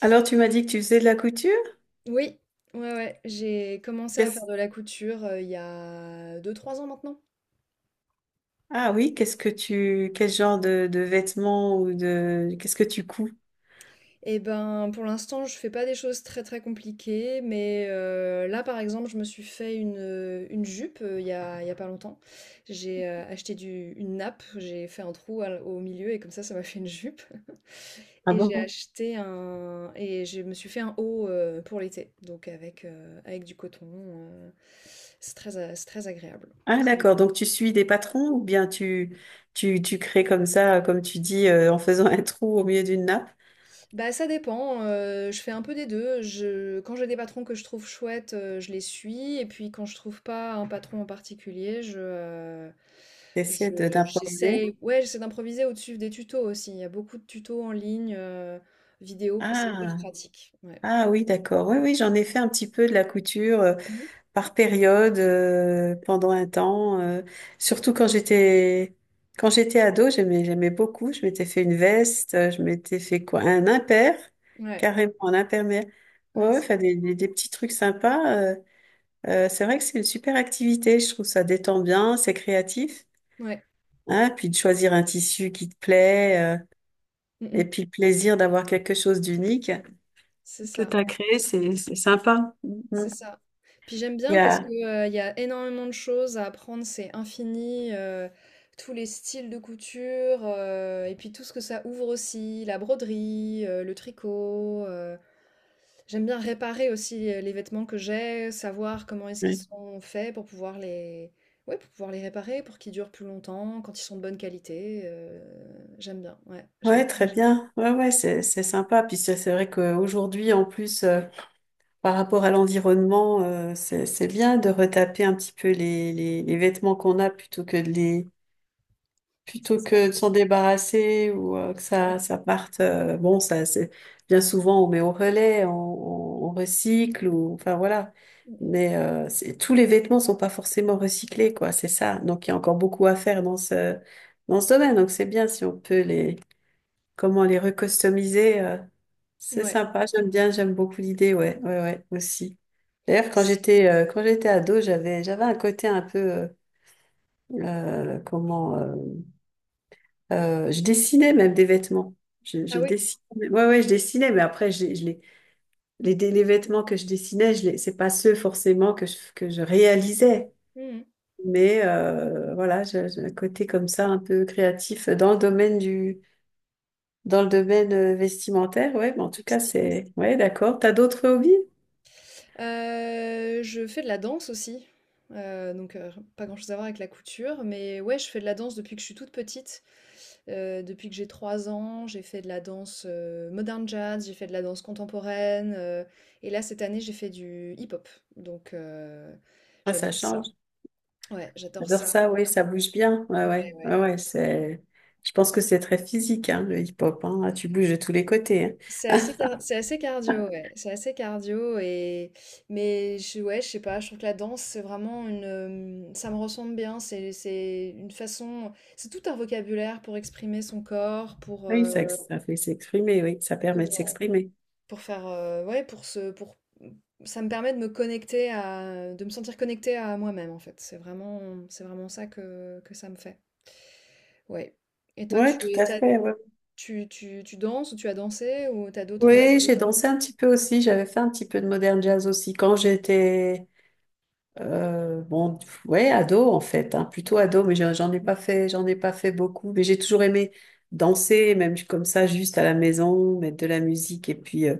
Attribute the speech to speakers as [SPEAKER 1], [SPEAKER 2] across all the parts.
[SPEAKER 1] Alors, tu m'as dit que tu faisais de la couture?
[SPEAKER 2] Oui, ouais, ouais, j'ai commencé à
[SPEAKER 1] Qu'est-ce-
[SPEAKER 2] faire de la couture, il y a 2, 3 ans maintenant.
[SPEAKER 1] Ah oui, qu'est-ce que tu, quel genre de vêtements ou de, qu'est-ce que tu couds?
[SPEAKER 2] Et ben, pour l'instant, je fais pas des choses très, très compliquées, mais là, par exemple, je me suis fait une jupe, il y a pas longtemps. J'ai, acheté du une nappe, j'ai fait un trou à au milieu et comme ça m'a fait une jupe.
[SPEAKER 1] Ah
[SPEAKER 2] Et j'ai
[SPEAKER 1] bon?
[SPEAKER 2] acheté un et je me suis fait un haut, pour l'été, donc avec du coton, heu, c'est très agréable.
[SPEAKER 1] Ah d'accord, donc tu suis des patrons ou bien tu crées comme ça, comme tu dis, en faisant un trou au milieu d'une nappe,
[SPEAKER 2] Bah, ça dépend, je fais un peu des 2. Je Quand j'ai des patrons que je trouve chouettes, je les suis et puis quand je trouve pas un patron en particulier, je
[SPEAKER 1] d'improviser?
[SPEAKER 2] j'essaye ouais, j'essaie d'improviser au-dessus des tutos aussi. Il y a beaucoup de tutos en ligne, vidéo et c'est hyper
[SPEAKER 1] Ah,
[SPEAKER 2] pratique. Ouais.
[SPEAKER 1] ah oui, d'accord. Oui, oui, j'en ai fait un petit peu de la couture.
[SPEAKER 2] Mmh.
[SPEAKER 1] Par période, pendant un temps. Surtout quand j'étais ado, j'aimais beaucoup. Je m'étais fait une veste, je m'étais fait quoi? Un impair,
[SPEAKER 2] Ouais.
[SPEAKER 1] carrément un impair. Mais ouais,
[SPEAKER 2] Ouais,
[SPEAKER 1] ouais,
[SPEAKER 2] c'est
[SPEAKER 1] enfin
[SPEAKER 2] vraiment
[SPEAKER 1] des petits trucs sympas. C'est vrai que c'est une super activité. Je trouve ça détend bien, c'est créatif.
[SPEAKER 2] ouais.
[SPEAKER 1] Hein, puis de choisir un tissu qui te plaît,
[SPEAKER 2] Mmh
[SPEAKER 1] et
[SPEAKER 2] mh.
[SPEAKER 1] puis le plaisir d'avoir quelque chose d'unique
[SPEAKER 2] C'est
[SPEAKER 1] que
[SPEAKER 2] ça.
[SPEAKER 1] tu as créé, c'est sympa.
[SPEAKER 2] C'est
[SPEAKER 1] Mhm.
[SPEAKER 2] ça. Puis j'aime
[SPEAKER 1] Il
[SPEAKER 2] bien
[SPEAKER 1] y
[SPEAKER 2] parce que,
[SPEAKER 1] a-
[SPEAKER 2] il y a énormément de choses à apprendre, c'est infini, tous les styles de couture, et puis tout ce que ça ouvre aussi, la broderie, le tricot. J'aime bien réparer aussi, les vêtements que j'ai, savoir comment est-ce qu'ils sont faits pour pouvoir les ouais, pour pouvoir les réparer, pour qu'ils durent plus longtemps, quand ils sont de bonne qualité, j'aime bien, ouais, j'aime
[SPEAKER 1] Ouais, très
[SPEAKER 2] vraiment ça.
[SPEAKER 1] bien. Ouais, ouais, c'est sympa. Puis c'est vrai qu'aujourd'hui, en plus, par rapport à l'environnement, euh, c'est bien de retaper un petit peu les vêtements qu'on a
[SPEAKER 2] C'est
[SPEAKER 1] plutôt
[SPEAKER 2] ça.
[SPEAKER 1] que de s'en débarrasser ou que
[SPEAKER 2] Ouais.
[SPEAKER 1] ça parte. Bon, ça c'est bien, souvent on met au relais, on recycle ou enfin voilà.
[SPEAKER 2] Mmh
[SPEAKER 1] Mais c'est- tous les vêtements sont pas forcément recyclés, quoi. C'est ça. Donc il y a encore beaucoup à faire dans ce domaine. Donc c'est bien si on peut les comment les recustomiser.
[SPEAKER 2] mh.
[SPEAKER 1] C'est
[SPEAKER 2] Ouais.
[SPEAKER 1] sympa, j'aime bien, j'aime beaucoup l'idée, ouais, ouais, ouais, aussi. D'ailleurs, quand j'étais ado, j'avais un côté un peu comment je dessinais même des vêtements. Je,
[SPEAKER 2] Ah
[SPEAKER 1] je
[SPEAKER 2] oui.
[SPEAKER 1] dessinais, ouais, ouais, je dessinais, mais après, les vêtements que je dessinais, je les, c'est pas ceux forcément que que je réalisais.
[SPEAKER 2] Mmh mh.
[SPEAKER 1] Mais voilà, j'ai un côté comme ça un peu créatif dans le Dans le domaine vestimentaire, ouais, mais en
[SPEAKER 2] Le
[SPEAKER 1] tout cas,
[SPEAKER 2] textile.
[SPEAKER 1] c'est... Ouais, d'accord. T'as d'autres hobbies?
[SPEAKER 2] Je fais de la danse aussi, donc pas grand-chose à voir avec la couture, mais ouais, je fais de la danse depuis que je suis toute petite. Depuis que j'ai 3 ans, j'ai fait de la danse, modern jazz, j'ai fait de la danse contemporaine, et là, cette année, j'ai fait du hip-hop, donc
[SPEAKER 1] Ah, ça
[SPEAKER 2] j'adore
[SPEAKER 1] change.
[SPEAKER 2] ça. Ouais, j'adore
[SPEAKER 1] J'adore
[SPEAKER 2] ça.
[SPEAKER 1] ça, oui. Ça bouge bien. Ouais,
[SPEAKER 2] Ouais,
[SPEAKER 1] ouais,
[SPEAKER 2] ouais.
[SPEAKER 1] ouais, ouais, c'est... Je pense que c'est très physique, hein, le hip-hop, hein. Ah, tu bouges de tous les côtés, hein.
[SPEAKER 2] C'est assez cardio, ouais. C'est assez cardio mais je, ouais, je sais pas. Je trouve que la danse, c'est vraiment ça me ressemble bien. C'est une façon, c'est tout un vocabulaire pour exprimer son corps,
[SPEAKER 1] Oui, ça, ça fait s'exprimer, oui, ça permet de
[SPEAKER 2] pour
[SPEAKER 1] s'exprimer.
[SPEAKER 2] ouais, ça me permet de me connecter de me sentir connectée à moi-même en fait. C'est vraiment ça que ça me fait. Ouais. Et toi,
[SPEAKER 1] Ouais, tout à
[SPEAKER 2] t'as-
[SPEAKER 1] fait, ouais.
[SPEAKER 2] tu danses ou tu as dansé ou t'as
[SPEAKER 1] Oui, j'ai
[SPEAKER 2] d'autres
[SPEAKER 1] dansé
[SPEAKER 2] hobbies?
[SPEAKER 1] un petit peu aussi, j'avais fait un petit peu de modern jazz aussi quand j'étais... bon, ouais, ado en fait, hein, plutôt ado, mais j'en ai pas fait, j'en ai pas fait beaucoup, mais j'ai toujours aimé danser, même comme ça, juste à la maison, mettre de la musique et puis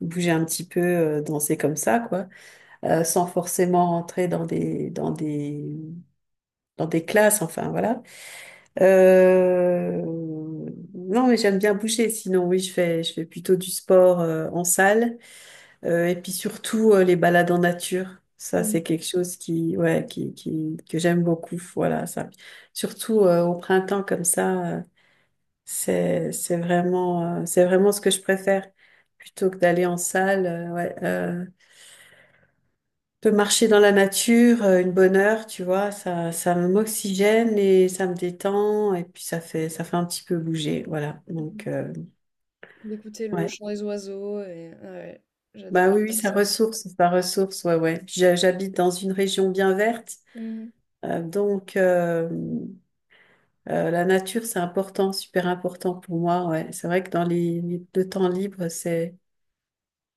[SPEAKER 1] bouger un petit peu, danser comme ça, quoi, sans forcément rentrer dans des classes, enfin voilà. Euh, non, mais j'aime bien bouger. Sinon, oui, je fais plutôt du sport en salle. Et puis surtout, les balades en nature. Ça, c'est
[SPEAKER 2] Mm.
[SPEAKER 1] quelque chose qui, ouais, qui, que j'aime beaucoup. Voilà, ça. Surtout, au printemps comme ça, euh, c'est vraiment, c'est vraiment ce que je préfère. Plutôt que d'aller en salle, ouais, de marcher dans la nature, une bonne heure, tu vois, ça m'oxygène et ça me détend. Et puis, ça fait un petit peu bouger. Voilà. Donc,
[SPEAKER 2] D'écouter le
[SPEAKER 1] ouais.
[SPEAKER 2] chant des oiseaux et ah ouais,
[SPEAKER 1] Bah oui, oui,
[SPEAKER 2] j'adore
[SPEAKER 1] ça
[SPEAKER 2] ça aussi.
[SPEAKER 1] ressource, ça ressource. Ouais, ouais. J'habite dans une région bien verte.
[SPEAKER 2] Mmh.
[SPEAKER 1] Donc, la nature, c'est important, super important pour moi. Ouais. C'est vrai que dans le temps libre,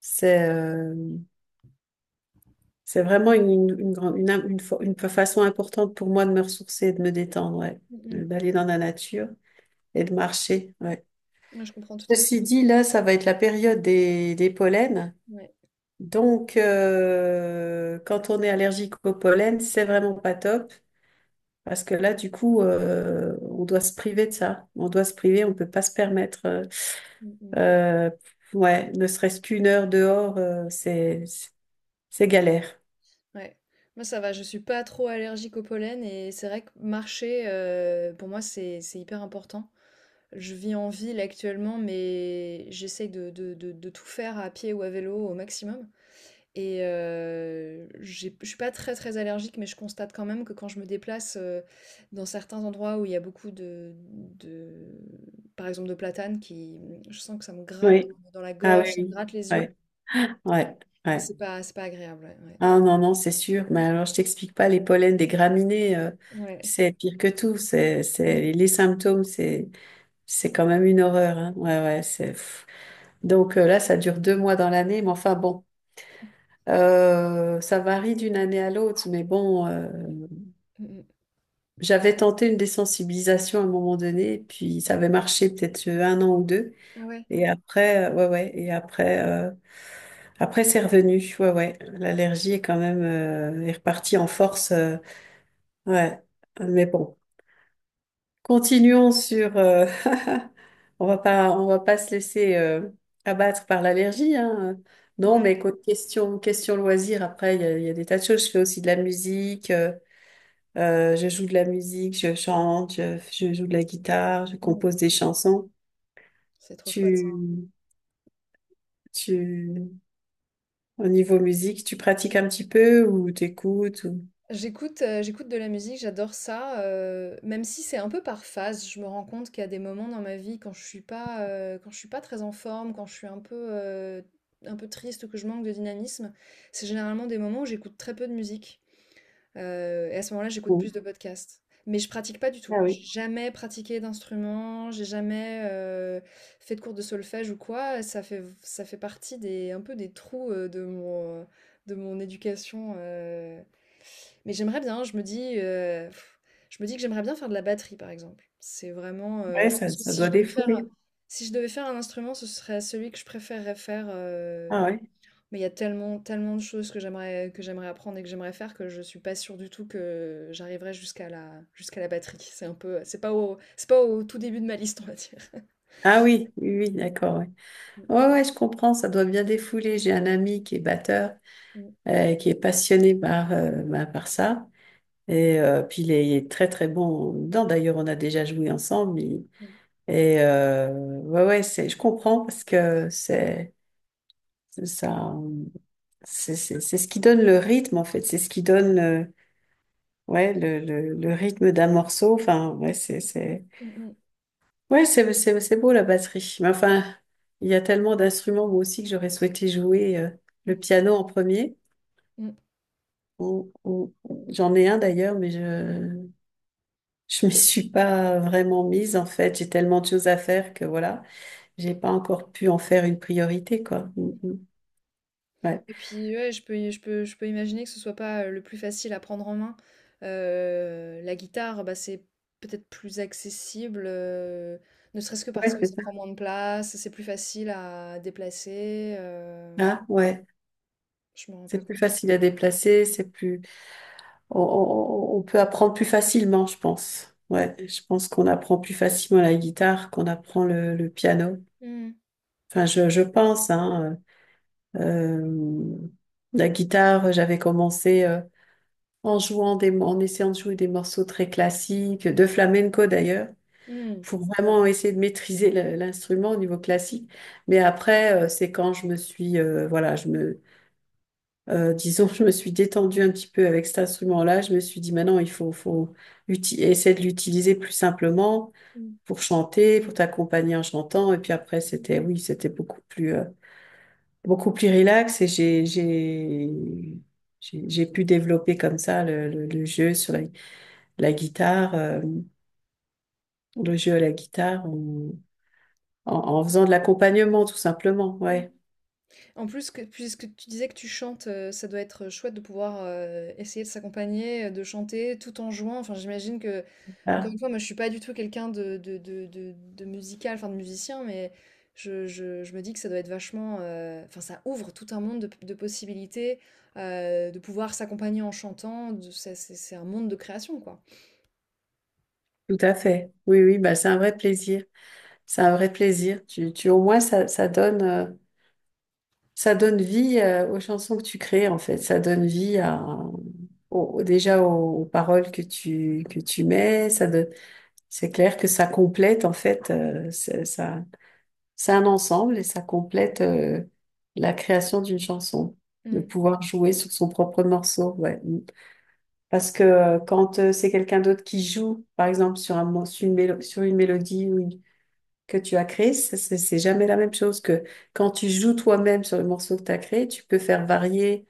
[SPEAKER 1] c'est, euh, c'est vraiment une, grande- une fa- une façon importante pour moi de me ressourcer et de me détendre, ouais.
[SPEAKER 2] Mmh.
[SPEAKER 1] D'aller dans la nature et de marcher. Ouais.
[SPEAKER 2] Ouais, je comprends tout à fait.
[SPEAKER 1] Ceci dit, là, ça va être la période des pollens.
[SPEAKER 2] Ouais.
[SPEAKER 1] Donc, quand on est allergique au pollen, c'est vraiment pas top. Parce que là, du coup, on doit se priver de ça. On doit se priver, on ne peut pas se permettre.
[SPEAKER 2] Mmh.
[SPEAKER 1] Euh, ouais, ne serait-ce qu'une heure dehors, euh, c'est, c'est galère.
[SPEAKER 2] Ouais. Moi, ça va, je suis pas trop allergique au pollen et c'est vrai que marcher, pour moi, c'est hyper important. Je vis en ville actuellement, mais j'essaye de tout faire à pied ou à vélo au maximum. Et j'ai je suis pas très, très allergique, mais je constate quand même que quand je me déplace, dans certains endroits où il y a beaucoup de par exemple, de platanes je sens que ça me gratte
[SPEAKER 1] Oui.
[SPEAKER 2] dans la
[SPEAKER 1] Ah
[SPEAKER 2] gorge,
[SPEAKER 1] oui,
[SPEAKER 2] ça me
[SPEAKER 1] oui.
[SPEAKER 2] gratte les yeux
[SPEAKER 1] Ouais, ouais,
[SPEAKER 2] et
[SPEAKER 1] ouais.
[SPEAKER 2] c'est pas agréable, ouais, ouais.
[SPEAKER 1] Ah non, non, c'est sûr. Mais alors, je t'explique pas, les pollens des graminées,
[SPEAKER 2] Ouais.
[SPEAKER 1] c'est pire que tout.
[SPEAKER 2] Mmh
[SPEAKER 1] Les symptômes, c'est quand même une horreur, hein. Ouais, ouais, c'est... pff. Donc là, ça dure deux mois dans l'année, mais enfin bon. Ça varie d'une année à l'autre, mais bon.
[SPEAKER 2] mh.
[SPEAKER 1] J'avais tenté une désensibilisation à un moment donné, et puis ça avait marché peut-être un an ou deux.
[SPEAKER 2] Ah ouais?
[SPEAKER 1] Et après, ouais, ouais, et après, après c'est revenu. Ouais, ouais, l'allergie est quand même est repartie en force. Ouais, mais bon, continuons sur. On va pas se laisser abattre par l'allergie, hein. Non,
[SPEAKER 2] Ouais.
[SPEAKER 1] mais écoute, question loisir. Après, il y a des tas de choses. Je fais aussi de la musique. Je joue de la musique, je chante, je joue de la guitare, je compose
[SPEAKER 2] Mmh.
[SPEAKER 1] des chansons.
[SPEAKER 2] C'est trop chouette.
[SPEAKER 1] Tu, tu, Au niveau musique, tu pratiques un petit peu ou t'écoutes ou...
[SPEAKER 2] J'écoute de la musique, j'adore ça, même si c'est un peu par phase. Je me rends compte qu'il y a des moments dans ma vie quand je suis pas très en forme, quand je suis un peu triste ou que je manque de dynamisme, c'est généralement des moments où j'écoute très peu de musique, et à ce moment-là, j'écoute
[SPEAKER 1] ou-
[SPEAKER 2] plus de podcasts. Mais je pratique pas du tout.
[SPEAKER 1] Ah oui.
[SPEAKER 2] J'ai jamais pratiqué d'instrument, j'ai jamais, fait de cours de solfège ou quoi. Ça fait partie des un peu des trous, de de mon éducation mais j'aimerais bien, je me dis que j'aimerais bien faire de la batterie, par exemple. C'est vraiment,
[SPEAKER 1] Ouais,
[SPEAKER 2] je
[SPEAKER 1] ça,
[SPEAKER 2] pense que
[SPEAKER 1] ça doit défouler.
[SPEAKER 2] si je devais faire un instrument, ce serait celui que je préférerais faire,
[SPEAKER 1] Ah ouais.
[SPEAKER 2] mais il y a tellement, tellement de choses que j'aimerais apprendre et que j'aimerais faire que je suis pas sûre du tout que j'arriverais jusqu'à la batterie. C'est un peu c'est pas au tout début de ma liste, on va dire.
[SPEAKER 1] Ah oui, oui, oui, d'accord. Ouais,
[SPEAKER 2] Mmh
[SPEAKER 1] ouais, ouais, je
[SPEAKER 2] mh.
[SPEAKER 1] comprends, ça doit bien défouler. J'ai un ami qui est batteur,
[SPEAKER 2] Mmh.
[SPEAKER 1] qui est passionné par, bah, par ça. Et puis il est très très bon dedans. D'ailleurs, on a déjà joué ensemble. Il,
[SPEAKER 2] Mmh.
[SPEAKER 1] et ouais, ouais, c'est, je comprends parce que c'est ça, c'est ce qui donne le rythme en fait, c'est ce qui donne le rythme d'un morceau. Enfin, ouais, c'est
[SPEAKER 2] Mmh mh.
[SPEAKER 1] ouais, c'est c'est beau la batterie. Mais enfin, il y a tellement d'instruments moi aussi que j'aurais souhaité jouer le
[SPEAKER 2] Mmh.
[SPEAKER 1] piano en premier.
[SPEAKER 2] Mmh.
[SPEAKER 1] J'en ai un d'ailleurs, mais je m'y suis pas vraiment mise en fait. J'ai tellement de choses à faire que voilà, j'ai pas encore pu en faire une priorité quoi. Mm, mm. Ouais,
[SPEAKER 2] Et puis ouais, je peux imaginer que ce soit pas le plus facile à prendre en main. La guitare, bah, c'est peut-être plus accessible, ne serait-ce que parce
[SPEAKER 1] ouais,
[SPEAKER 2] que
[SPEAKER 1] c'est
[SPEAKER 2] ça
[SPEAKER 1] ça.
[SPEAKER 2] prend moins de place, c'est plus facile à déplacer.
[SPEAKER 1] Ah, ouais,
[SPEAKER 2] Je me rends pas
[SPEAKER 1] c'est plus
[SPEAKER 2] compte.
[SPEAKER 1] facile à déplacer, c'est plus, on peut apprendre plus facilement, je pense. Ouais, je pense qu'on apprend plus facilement la guitare qu'on apprend le piano.
[SPEAKER 2] Hmm,
[SPEAKER 1] Enfin, je pense, hein. euh, la guitare, j'avais commencé en jouant en essayant de jouer des morceaux très classiques, de flamenco d'ailleurs,
[SPEAKER 2] hmm,
[SPEAKER 1] pour vraiment essayer de maîtriser l'instrument au niveau classique. Mais après, c'est quand je me suis, voilà, je me disons, je me suis détendue un petit peu avec cet instrument-là. Je me suis dit, maintenant, faut essayer de l'utiliser plus simplement
[SPEAKER 2] hmm,
[SPEAKER 1] pour chanter, pour t'accompagner en chantant. Et puis après, c'était, oui, c'était beaucoup plus relax. Et j'ai pu développer comme ça le jeu sur la guitare, le jeu à la guitare en faisant de l'accompagnement, tout simplement. Ouais,
[SPEAKER 2] hmm. En plus que puisque tu disais que tu chantes, ça doit être chouette de pouvoir, essayer de s'accompagner, de chanter tout en jouant. Enfin, j'imagine que encore
[SPEAKER 1] ah,
[SPEAKER 2] une fois, moi, je suis pas du tout quelqu'un de musical, enfin de musicien, mais je me dis que ça doit être vachement, enfin, ça ouvre tout un monde de possibilités, de pouvoir s'accompagner en chantant, de c'est un monde de création, quoi.
[SPEAKER 1] tout à fait. Oui, oui, bah, c'est un vrai plaisir. C'est un vrai plaisir. Au moins, ça, ça donne vie aux chansons que tu crées, en fait. Ça donne vie à, au- déjà aux paroles que que tu mets. Ça donne, c'est clair que ça complète, en fait, c'est- ça, c'est un ensemble et ça complète la création d'une chanson. De
[SPEAKER 2] Mmh.
[SPEAKER 1] pouvoir jouer sur son propre morceau, ouais. Parce que quand c'est quelqu'un d'autre qui joue, par exemple, sur sur sur une mélodie ou une que tu as créé, c'est jamais la même chose que quand tu joues toi-même sur le morceau que tu as créé, tu peux faire varier,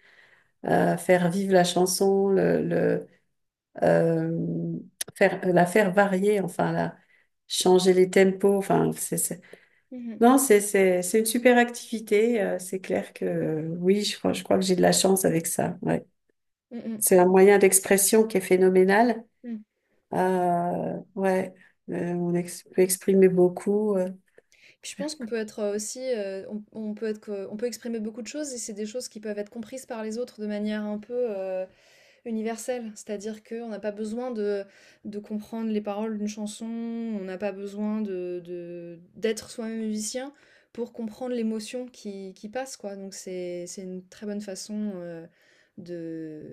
[SPEAKER 1] faire vivre la chanson, euh, faire, la faire varier, enfin, la, changer les tempos, enfin,
[SPEAKER 2] Mmh mh.
[SPEAKER 1] non, c'est une super activité, c'est clair que oui, je crois que j'ai de la chance avec ça, ouais.
[SPEAKER 2] Mmh.
[SPEAKER 1] C'est un moyen d'expression qui est phénoménal,
[SPEAKER 2] Mmh.
[SPEAKER 1] ouais, peut exprimer beaucoup,
[SPEAKER 2] Puis je pense qu'on peut être, aussi, on peut exprimer beaucoup de choses et c'est des choses qui peuvent être comprises par les autres de manière un peu, universelle. C'est-à-dire qu'on n'a pas besoin de comprendre les paroles d'une chanson, on n'a pas besoin de d'être soi-même musicien pour comprendre l'émotion qui passe, quoi. Donc c'est une très bonne façon, heu, de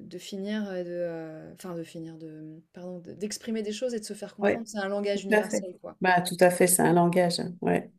[SPEAKER 2] de finir, heu, de, enfin de finir de, pardon, de d'exprimer des choses et de se faire
[SPEAKER 1] ouais.
[SPEAKER 2] comprendre. C'est un langage
[SPEAKER 1] Tout à fait.
[SPEAKER 2] universel, quoi.
[SPEAKER 1] Bah, tout à fait, c'est un langage, hein. Ouais.